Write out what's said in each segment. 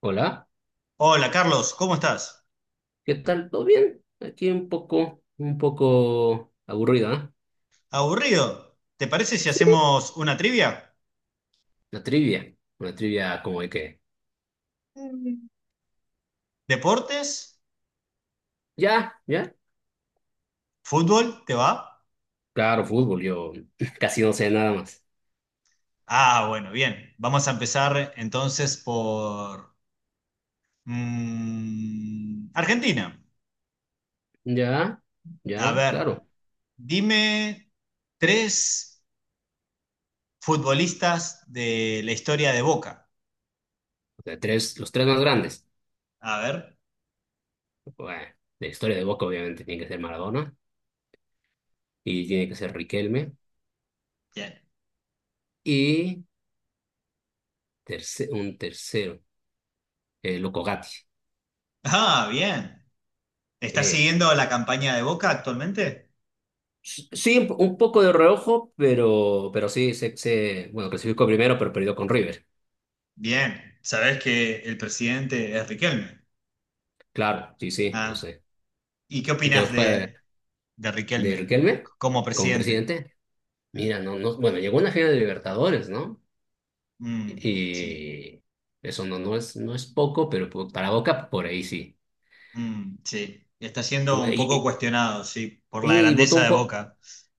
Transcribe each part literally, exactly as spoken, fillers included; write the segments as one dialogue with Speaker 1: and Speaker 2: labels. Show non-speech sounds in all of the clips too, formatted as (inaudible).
Speaker 1: Hola,
Speaker 2: Hola Carlos, ¿cómo estás?
Speaker 1: ¿qué tal? ¿Todo bien? Aquí un poco, un poco aburrida, ¿eh?
Speaker 2: ¿Aburrido? ¿Te parece si
Speaker 1: Sí,
Speaker 2: hacemos una trivia?
Speaker 1: una trivia, una trivia como de que,
Speaker 2: ¿Deportes?
Speaker 1: ya, ya,
Speaker 2: ¿Fútbol? ¿Te va?
Speaker 1: claro, fútbol, yo (laughs) casi no sé nada más.
Speaker 2: Ah, bueno, bien. Vamos a empezar entonces por mm, Argentina.
Speaker 1: Ya,
Speaker 2: A
Speaker 1: ya,
Speaker 2: ver,
Speaker 1: claro,
Speaker 2: dime tres futbolistas de la historia de Boca.
Speaker 1: o sea, tres, los tres más grandes.
Speaker 2: A ver,
Speaker 1: Bueno, la historia de Boca obviamente tiene que ser Maradona y tiene que ser Riquelme
Speaker 2: bien.
Speaker 1: y terce- un tercero, eh, Loco Gatti.
Speaker 2: Ah, bien. ¿Estás
Speaker 1: Eh,
Speaker 2: siguiendo la campaña de Boca actualmente?
Speaker 1: Sí, un un poco de reojo, pero, pero sí, se, se, bueno, clasificó primero, pero perdió con River.
Speaker 2: Bien. Sabes que el presidente es Riquelme.
Speaker 1: Claro, sí, sí, yo
Speaker 2: Ah.
Speaker 1: sé.
Speaker 2: ¿Y qué
Speaker 1: ¿Y quedó
Speaker 2: opinas
Speaker 1: fuera de,
Speaker 2: de, de
Speaker 1: de
Speaker 2: Riquelme
Speaker 1: Riquelme
Speaker 2: como
Speaker 1: como
Speaker 2: presidente?
Speaker 1: presidente? Mira, no, no, bueno, llegó una final de Libertadores, ¿no?
Speaker 2: Mm, sí,
Speaker 1: Y eso no, no es, no es poco, pero po- para Boca, por ahí sí.
Speaker 2: mm, sí. Está
Speaker 1: Y,
Speaker 2: siendo
Speaker 1: bu-
Speaker 2: un poco
Speaker 1: y-
Speaker 2: cuestionado, sí, por la
Speaker 1: y- y botó
Speaker 2: grandeza
Speaker 1: un
Speaker 2: de
Speaker 1: po-
Speaker 2: Boca.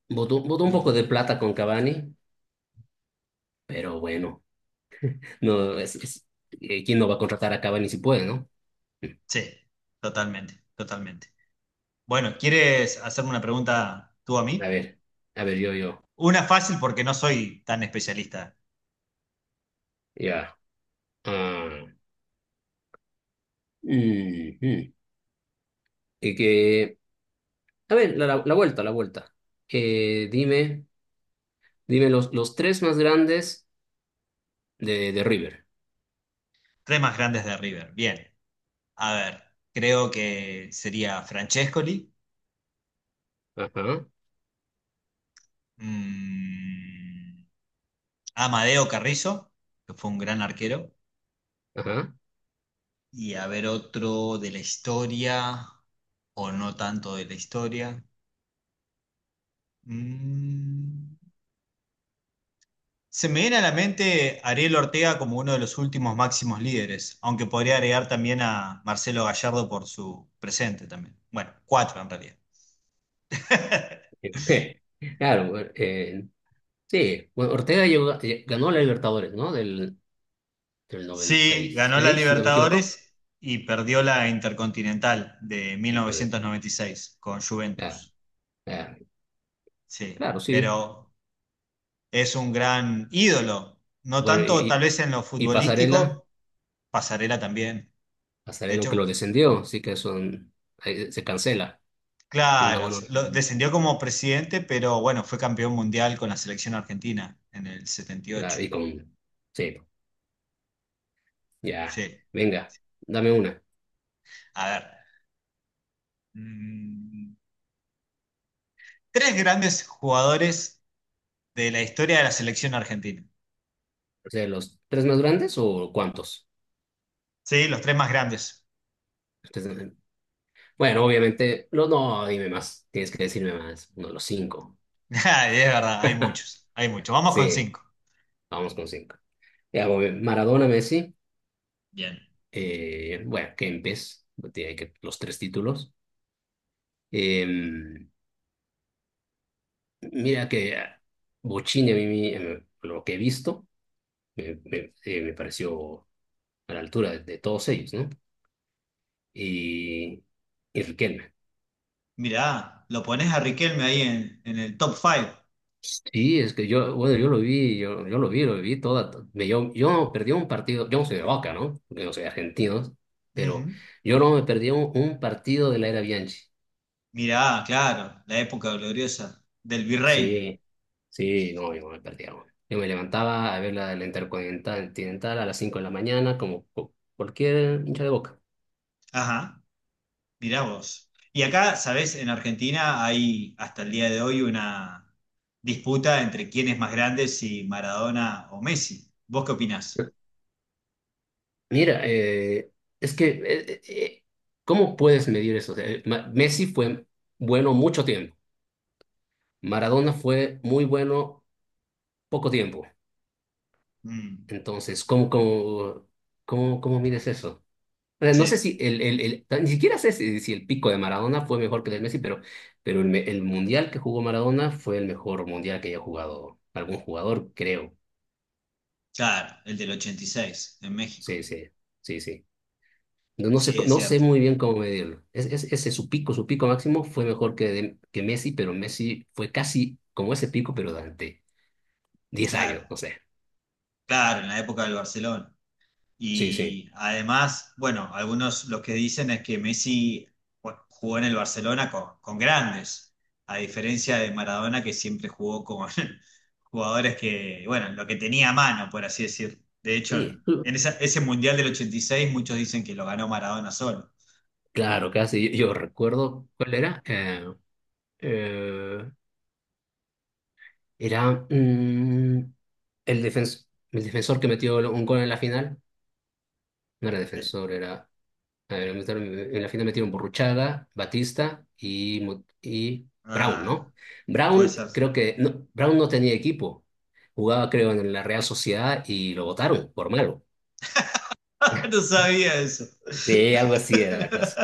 Speaker 1: botó, botó un
Speaker 2: Mm,
Speaker 1: poco de plata con Cavani, pero bueno, no, es, es- eh, ¿quién no va a contratar a Cavani si puede, no?
Speaker 2: sí, totalmente, totalmente. Bueno, ¿quieres hacerme una pregunta tú a
Speaker 1: A
Speaker 2: mí?
Speaker 1: ver, a ver, yo, yo,
Speaker 2: Una fácil porque no soy tan especialista.
Speaker 1: ya. Ah, mm, mm. Y que a ver, la, la- la vuelta, la vuelta. Eh, dime, dime los, los tres más grandes de, de River.
Speaker 2: Tres más grandes de River. Bien. A ver, creo que sería Francescoli,
Speaker 1: Ajá,
Speaker 2: mm, Amadeo Carrizo, que fue un gran arquero.
Speaker 1: ajá.
Speaker 2: Y a ver otro de la historia, o no tanto de la historia. Mm. Se me viene a la mente Ariel Ortega como uno de los últimos máximos líderes, aunque podría agregar también a Marcelo Gallardo por su presente también. Bueno, cuatro en realidad. (laughs)
Speaker 1: (laughs) Claro, bueno, eh, sí, bueno, Ortega llegó- eh, ganó la Libertadores, ¿no? Del, del noventa y
Speaker 2: Sí, ganó la
Speaker 1: seis si no me equivoco.
Speaker 2: Libertadores y perdió la Intercontinental de mil
Speaker 1: Sí, perdón.
Speaker 2: novecientos noventa y seis con
Speaker 1: Ah,
Speaker 2: Juventus.
Speaker 1: ah,
Speaker 2: Sí,
Speaker 1: claro, sí.
Speaker 2: pero es un gran ídolo, no
Speaker 1: Bueno,
Speaker 2: tanto
Speaker 1: y,
Speaker 2: tal
Speaker 1: y
Speaker 2: vez en lo
Speaker 1: y Pasarela,
Speaker 2: futbolístico. Pasarela también. De
Speaker 1: Pasarela aunque lo
Speaker 2: hecho,
Speaker 1: descendió, así que son, ahí se cancela. Una
Speaker 2: claro,
Speaker 1: buena.
Speaker 2: se- lo- descendió como presidente, pero bueno, fue campeón mundial con la selección argentina en el setenta y ocho.
Speaker 1: Claro, y con... Sí, ya.
Speaker 2: Sí.
Speaker 1: Venga, dame una.
Speaker 2: A ver, mm, tres grandes jugadores de la historia de la selección argentina.
Speaker 1: ¿De los tres más grandes o cuántos?
Speaker 2: Sí, los tres más grandes.
Speaker 1: Entonces, bueno, obviamente, no, no, dime más, tienes que decirme más, no, los cinco.
Speaker 2: (laughs) Ah, es verdad, hay
Speaker 1: (laughs)
Speaker 2: muchos, hay muchos. Vamos con
Speaker 1: Sí,
Speaker 2: cinco.
Speaker 1: vamos con cinco. Ya, voy, Maradona, Messi,
Speaker 2: Bien.
Speaker 1: eh, bueno, Kempes, tiene que los tres títulos. Eh, mira que ah, Bochini, a mí, me- eh, lo que he visto, me, me- eh, me pareció a la altura de, de todos ellos, ¿no? Y, y Riquelme.
Speaker 2: Mirá, lo pones a Riquelme ahí en, en el top five.
Speaker 1: Sí, es que yo, bueno, yo lo vi, yo, yo lo vi, lo vi toda. me- Yo, yo no perdí un partido, yo no soy de Boca, ¿no? Yo no soy argentino, pero
Speaker 2: Ujú.
Speaker 1: yo no me perdí un, un partido de la era Bianchi.
Speaker 2: Mirá, claro, la época gloriosa del virrey.
Speaker 1: Sí, sí, no, yo no me perdía uno. Yo me levantaba a ver la, la Intercontinental Continental a las cinco de la mañana, como cu- cualquier hincha de Boca.
Speaker 2: Ajá. Mirá vos. Y acá, sabés, en Argentina hay hasta el día de hoy una disputa entre quién es más grande, si Maradona o Messi. ¿Vos qué opinás?
Speaker 1: Mira, eh, es que, eh, eh, eh, ¿cómo puedes medir eso? O sea, eh, Ma- Messi fue bueno mucho tiempo, Maradona fue muy bueno poco tiempo.
Speaker 2: Mm,
Speaker 1: Entonces, ¿cómo, cómo, cómo, ¿cómo mides eso? O sea, no sé
Speaker 2: sí,
Speaker 1: si el, el, el- ni siquiera sé si, si el pico de Maradona fue mejor que el de Messi, pero, pero el, me- el mundial que jugó Maradona fue el mejor mundial que haya jugado algún jugador, creo.
Speaker 2: claro, el del ochenta y seis en México.
Speaker 1: Sí, sí, sí, sí. No, no sé,
Speaker 2: Sí, es
Speaker 1: no sé
Speaker 2: cierto.
Speaker 1: muy bien cómo medirlo. Es, es- ese su pico, su pico máximo fue mejor que, de- que Messi, pero Messi fue casi como ese pico, pero durante diez
Speaker 2: Claro,
Speaker 1: años, no sé.
Speaker 2: claro, en la época del Barcelona.
Speaker 1: Sí, sí.
Speaker 2: Y además, bueno, algunos lo que dicen es que Messi bueno, jugó en el Barcelona con, con grandes, a diferencia de Maradona que siempre jugó con (laughs) jugadores que, bueno, lo que tenía a mano, por así decir. De hecho,
Speaker 1: Sí,
Speaker 2: en esa- ese Mundial del ochenta y seis muchos dicen que lo ganó Maradona solo.
Speaker 1: claro, casi. Yo, yo recuerdo cuál era. eh, Eh, era mm, el, defens- el defensor que metió un gol en la final. No era
Speaker 2: Eh,
Speaker 1: defensor, era. A ver, metieron- en la final metieron Burruchaga, Batista y, Mu- y Brown,
Speaker 2: Ah,
Speaker 1: ¿no?
Speaker 2: puede
Speaker 1: Brown,
Speaker 2: ser.
Speaker 1: creo que. No, Brown no tenía equipo. Jugaba, creo, en la Real Sociedad y lo votaron por malo.
Speaker 2: (laughs) No sabía eso. (laughs)
Speaker 1: Sí, algo así era la cosa.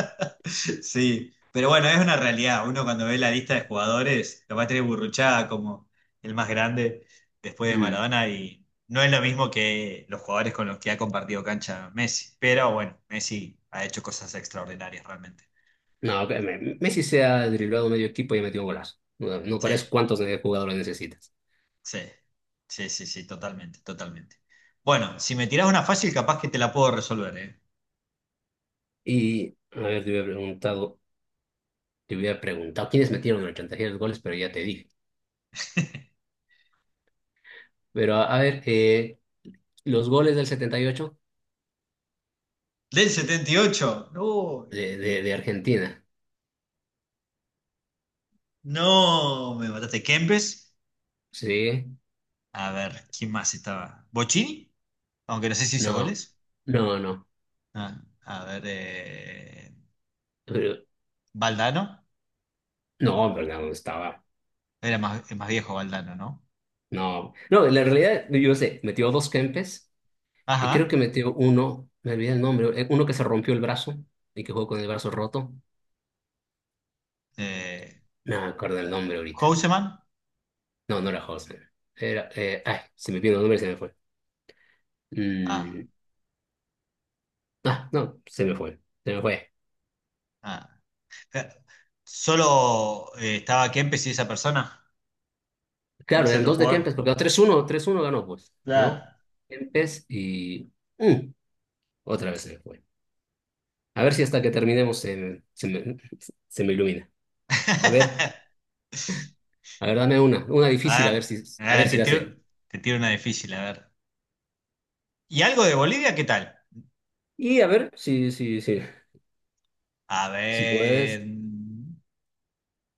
Speaker 2: Sí, pero bueno, es una realidad. Uno cuando ve la lista de jugadores, lo va a tener Burruchaga como el más grande después de
Speaker 1: Mm.
Speaker 2: Maradona y no es lo mismo que los jugadores con los que ha compartido cancha Messi. Pero bueno, Messi ha hecho cosas extraordinarias realmente.
Speaker 1: No, que
Speaker 2: Sí,
Speaker 1: me- Messi se ha driblado medio equipo y ha metido un golazo. No, no parece cuántos jugadores necesitas.
Speaker 2: sí, sí, sí, sí, totalmente, totalmente. Bueno, si me tirás una fácil, capaz que te la puedo resolver, ¿eh?
Speaker 1: Y, a ver, te hubiera preguntado. Te hubiera preguntado quiénes metieron el ochenta y seis goles, pero ya te dije.
Speaker 2: (laughs)
Speaker 1: Pero a, a ver, eh, los goles del setenta y ocho
Speaker 2: Del setenta y ocho no.
Speaker 1: de, de, de Argentina.
Speaker 2: No, me mataste. Kempes.
Speaker 1: Sí,
Speaker 2: A ver, ¿quién más estaba? ¿Bochini? Aunque no sé si hizo
Speaker 1: no,
Speaker 2: goles.
Speaker 1: no, no.
Speaker 2: Ah, a ver, eh,
Speaker 1: Pero-
Speaker 2: Valdano.
Speaker 1: No, pero no estaba.
Speaker 2: Era más, es más viejo Valdano, ¿no?
Speaker 1: No, no, la realidad, yo sé, metió dos Kempes y creo que
Speaker 2: Ajá.
Speaker 1: metió uno, me olvidé el nombre, eh, uno que se rompió el brazo y que jugó con el brazo roto.
Speaker 2: Eh,
Speaker 1: No me acuerdo el nombre ahorita.
Speaker 2: Houseman.
Speaker 1: No, no era Hosmer. Era, eh, ay, se me vino el nombre y se me fue.
Speaker 2: Ah,
Speaker 1: Mm, ah, no, se me fue. Se me fue.
Speaker 2: ah. Eh, Solo eh, estaba Kempes y esa persona. Y
Speaker 1: Claro,
Speaker 2: ese
Speaker 1: eran
Speaker 2: otro
Speaker 1: dos de Kempes,
Speaker 2: jugador.
Speaker 1: porque tres uno tres uno ganó, pues, ¿no?
Speaker 2: Claro.
Speaker 1: Kempes y... mm, otra vez se me fue. A ver si hasta que terminemos se, me- se me, se me ilumina. A ver,
Speaker 2: (laughs)
Speaker 1: a ver, dame una, una difícil,
Speaker 2: A
Speaker 1: a
Speaker 2: ver,
Speaker 1: ver si,
Speaker 2: a
Speaker 1: a
Speaker 2: ver,
Speaker 1: ver si
Speaker 2: te
Speaker 1: la
Speaker 2: tiro,
Speaker 1: sé.
Speaker 2: te tiro una difícil, a ver. ¿Y algo de Bolivia? ¿Qué tal?
Speaker 1: Y a ver, si, si, si,
Speaker 2: A
Speaker 1: si
Speaker 2: ver.
Speaker 1: puedes,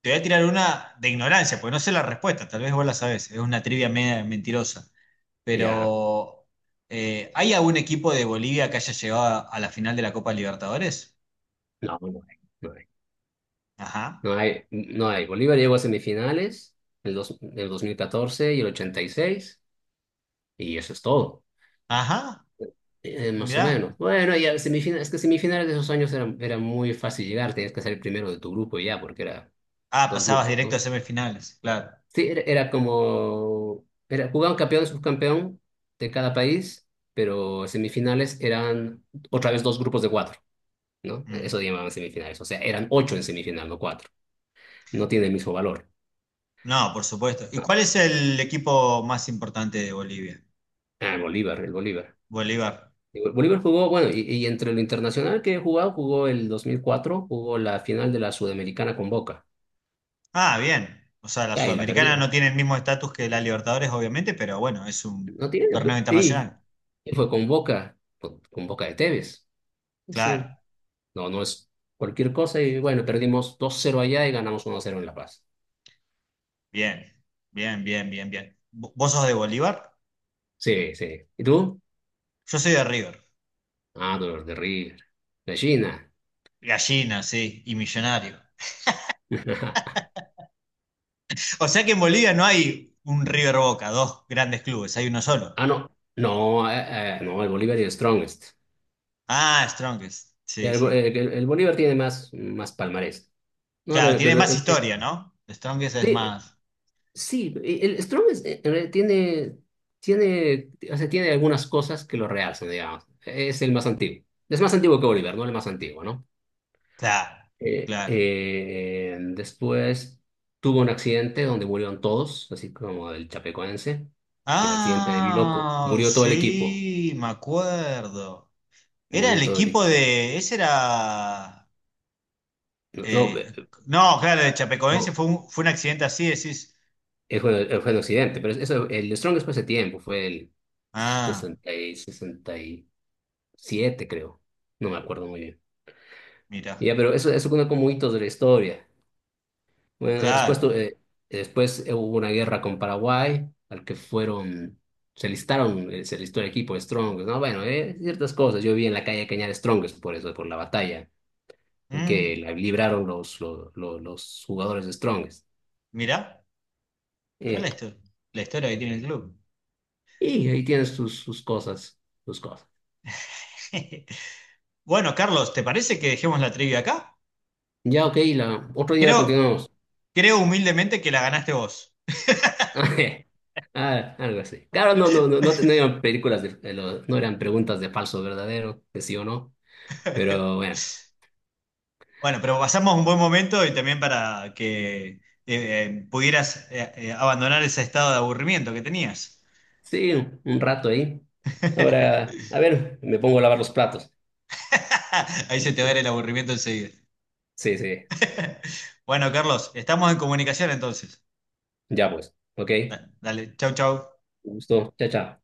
Speaker 2: Te voy a tirar una de ignorancia, porque no sé la respuesta, tal vez vos la sabés, es una trivia media mentirosa.
Speaker 1: ya.
Speaker 2: Pero, eh, ¿hay algún equipo de Bolivia que haya llegado a, a la final de la Copa Libertadores?
Speaker 1: No, no hay, no hay.
Speaker 2: Ajá,
Speaker 1: No hay, no hay. Bolívar llegó a semifinales en el, dos- en el dos mil catorce y el ochenta y seis y eso es todo.
Speaker 2: ajá,
Speaker 1: Eh, eh, más o
Speaker 2: mirá.
Speaker 1: menos. Bueno, ya semifinales, es que semifinales de esos años era, era muy fácil llegar, tenías que ser el primero de tu grupo y ya, porque era
Speaker 2: Ah,
Speaker 1: dos
Speaker 2: pasabas
Speaker 1: grupos,
Speaker 2: directo
Speaker 1: ¿no?
Speaker 2: a semifinales, claro.
Speaker 1: Sí, era, era como, era, jugaban campeón y subcampeón de cada país, pero semifinales eran otra vez dos grupos de cuatro, ¿no?
Speaker 2: Mm.
Speaker 1: Eso llamaban semifinales, o sea, eran ocho en semifinal, no cuatro. No tiene el mismo valor.
Speaker 2: No, por supuesto. ¿Y cuál es el equipo más importante de Bolivia?
Speaker 1: Ah, el Bolívar, el Bolívar.
Speaker 2: Bolívar.
Speaker 1: Y Bo- Bolívar jugó, bueno, y, y entre lo internacional que he jugado, jugó el dos mil cuatro, jugó la final de la Sudamericana con Boca.
Speaker 2: Ah, bien. O sea, la
Speaker 1: Ah, y ahí la
Speaker 2: Sudamericana
Speaker 1: perdió.
Speaker 2: no tiene el mismo estatus que la Libertadores, obviamente, pero bueno, es un
Speaker 1: No tiene.
Speaker 2: torneo
Speaker 1: Y
Speaker 2: internacional.
Speaker 1: fue con Boca, con con Boca de Tevez. Sí.
Speaker 2: Claro.
Speaker 1: No, no es cualquier cosa. Y bueno, perdimos dos cero allá y ganamos uno cero en La Paz.
Speaker 2: Bien, bien, bien, bien, bien. ¿Vo- ¿Vos sos de Bolívar?
Speaker 1: Sí, sí. ¿Y tú?
Speaker 2: Yo soy de River.
Speaker 1: Ah, dolor de River. Gallina.
Speaker 2: Gallina, sí, y Millonario.
Speaker 1: (laughs)
Speaker 2: O sea que en Bolivia no hay un River Boca, dos grandes clubes, hay uno solo.
Speaker 1: Ah, no. No, eh, eh, no, el Bolívar es el strongest.
Speaker 2: Ah, Strongest, sí,
Speaker 1: El, Bo-
Speaker 2: sí.
Speaker 1: el- el Bolívar tiene más, más palmarés. No, a
Speaker 2: Claro,
Speaker 1: ver,
Speaker 2: tiene
Speaker 1: pero
Speaker 2: más
Speaker 1: el, el-
Speaker 2: historia, ¿no? Strongest es
Speaker 1: sí,
Speaker 2: más.
Speaker 1: sí, el el Strong es- en realidad tiene, tiene, o sea, tiene algunas cosas que lo realzan, digamos. Es el más antiguo. Es más antiguo que Oliver, ¿no? El más antiguo, ¿no?
Speaker 2: Claro,
Speaker 1: Eh,
Speaker 2: claro.
Speaker 1: eh, después tuvo un accidente donde murieron todos, así como el chapecoense. El accidente de Biloco.
Speaker 2: Ah,
Speaker 1: Murió todo el equipo.
Speaker 2: sí, me acuerdo. Era el
Speaker 1: Murió todo el
Speaker 2: equipo
Speaker 1: equipo.
Speaker 2: de. Ese era.
Speaker 1: No, no,
Speaker 2: eh,
Speaker 1: eh,
Speaker 2: no, claro, de Chapecoense
Speaker 1: no,
Speaker 2: fue un, fue un accidente así, decís.
Speaker 1: eh, fue, eh, fue un accidente, pero eso, el Strong después de tiempo, fue el
Speaker 2: Ah,
Speaker 1: sesenta y sesenta y siete, creo. No me acuerdo muy bien.
Speaker 2: mira.
Speaker 1: Ya, pero eso, eso cuenta como hitos de la historia. Bueno, y después,
Speaker 2: Claro.
Speaker 1: tu- eh, después eh, hubo una guerra con Paraguay, al que fueron, se listaron, eh, se listó el equipo de Strongest, ¿no? Bueno, eh, ciertas cosas. Yo vi en la calle Cañar Strongest por eso, por la batalla que
Speaker 2: Mm,
Speaker 1: la libraron los, los, los, los jugadores de Strongest.
Speaker 2: mirá, mirá la
Speaker 1: Eh,
Speaker 2: historia, la historia que tiene el club.
Speaker 1: y ahí tienes sus, sus cosas, sus cosas.
Speaker 2: (laughs) Bueno, Carlos, ¿te parece que dejemos la trivia acá?
Speaker 1: Ya, ok, la, otro día la
Speaker 2: Creo,
Speaker 1: continuamos.
Speaker 2: creo humildemente que la ganaste vos.
Speaker 1: (laughs) Ah, algo así. Claro, no, no, no, no, te- no eran películas de, eh, lo- no eran preguntas de falso o verdadero, de sí o no. Pero
Speaker 2: (laughs)
Speaker 1: bueno,
Speaker 2: Bueno, pero pasamos un buen momento y también para que eh, eh, pudieras eh, eh, abandonar ese estado de aburrimiento que tenías.
Speaker 1: sí, un un rato ahí. Ahora,
Speaker 2: (laughs)
Speaker 1: a ver, me pongo a lavar los platos.
Speaker 2: Ahí se te va a ir el aburrimiento enseguida.
Speaker 1: Sí, sí,
Speaker 2: (laughs) Bueno, Carlos, estamos en comunicación entonces.
Speaker 1: ya pues, ok.
Speaker 2: Da- Dale, chau, chau.
Speaker 1: Un gusto, chao, chao.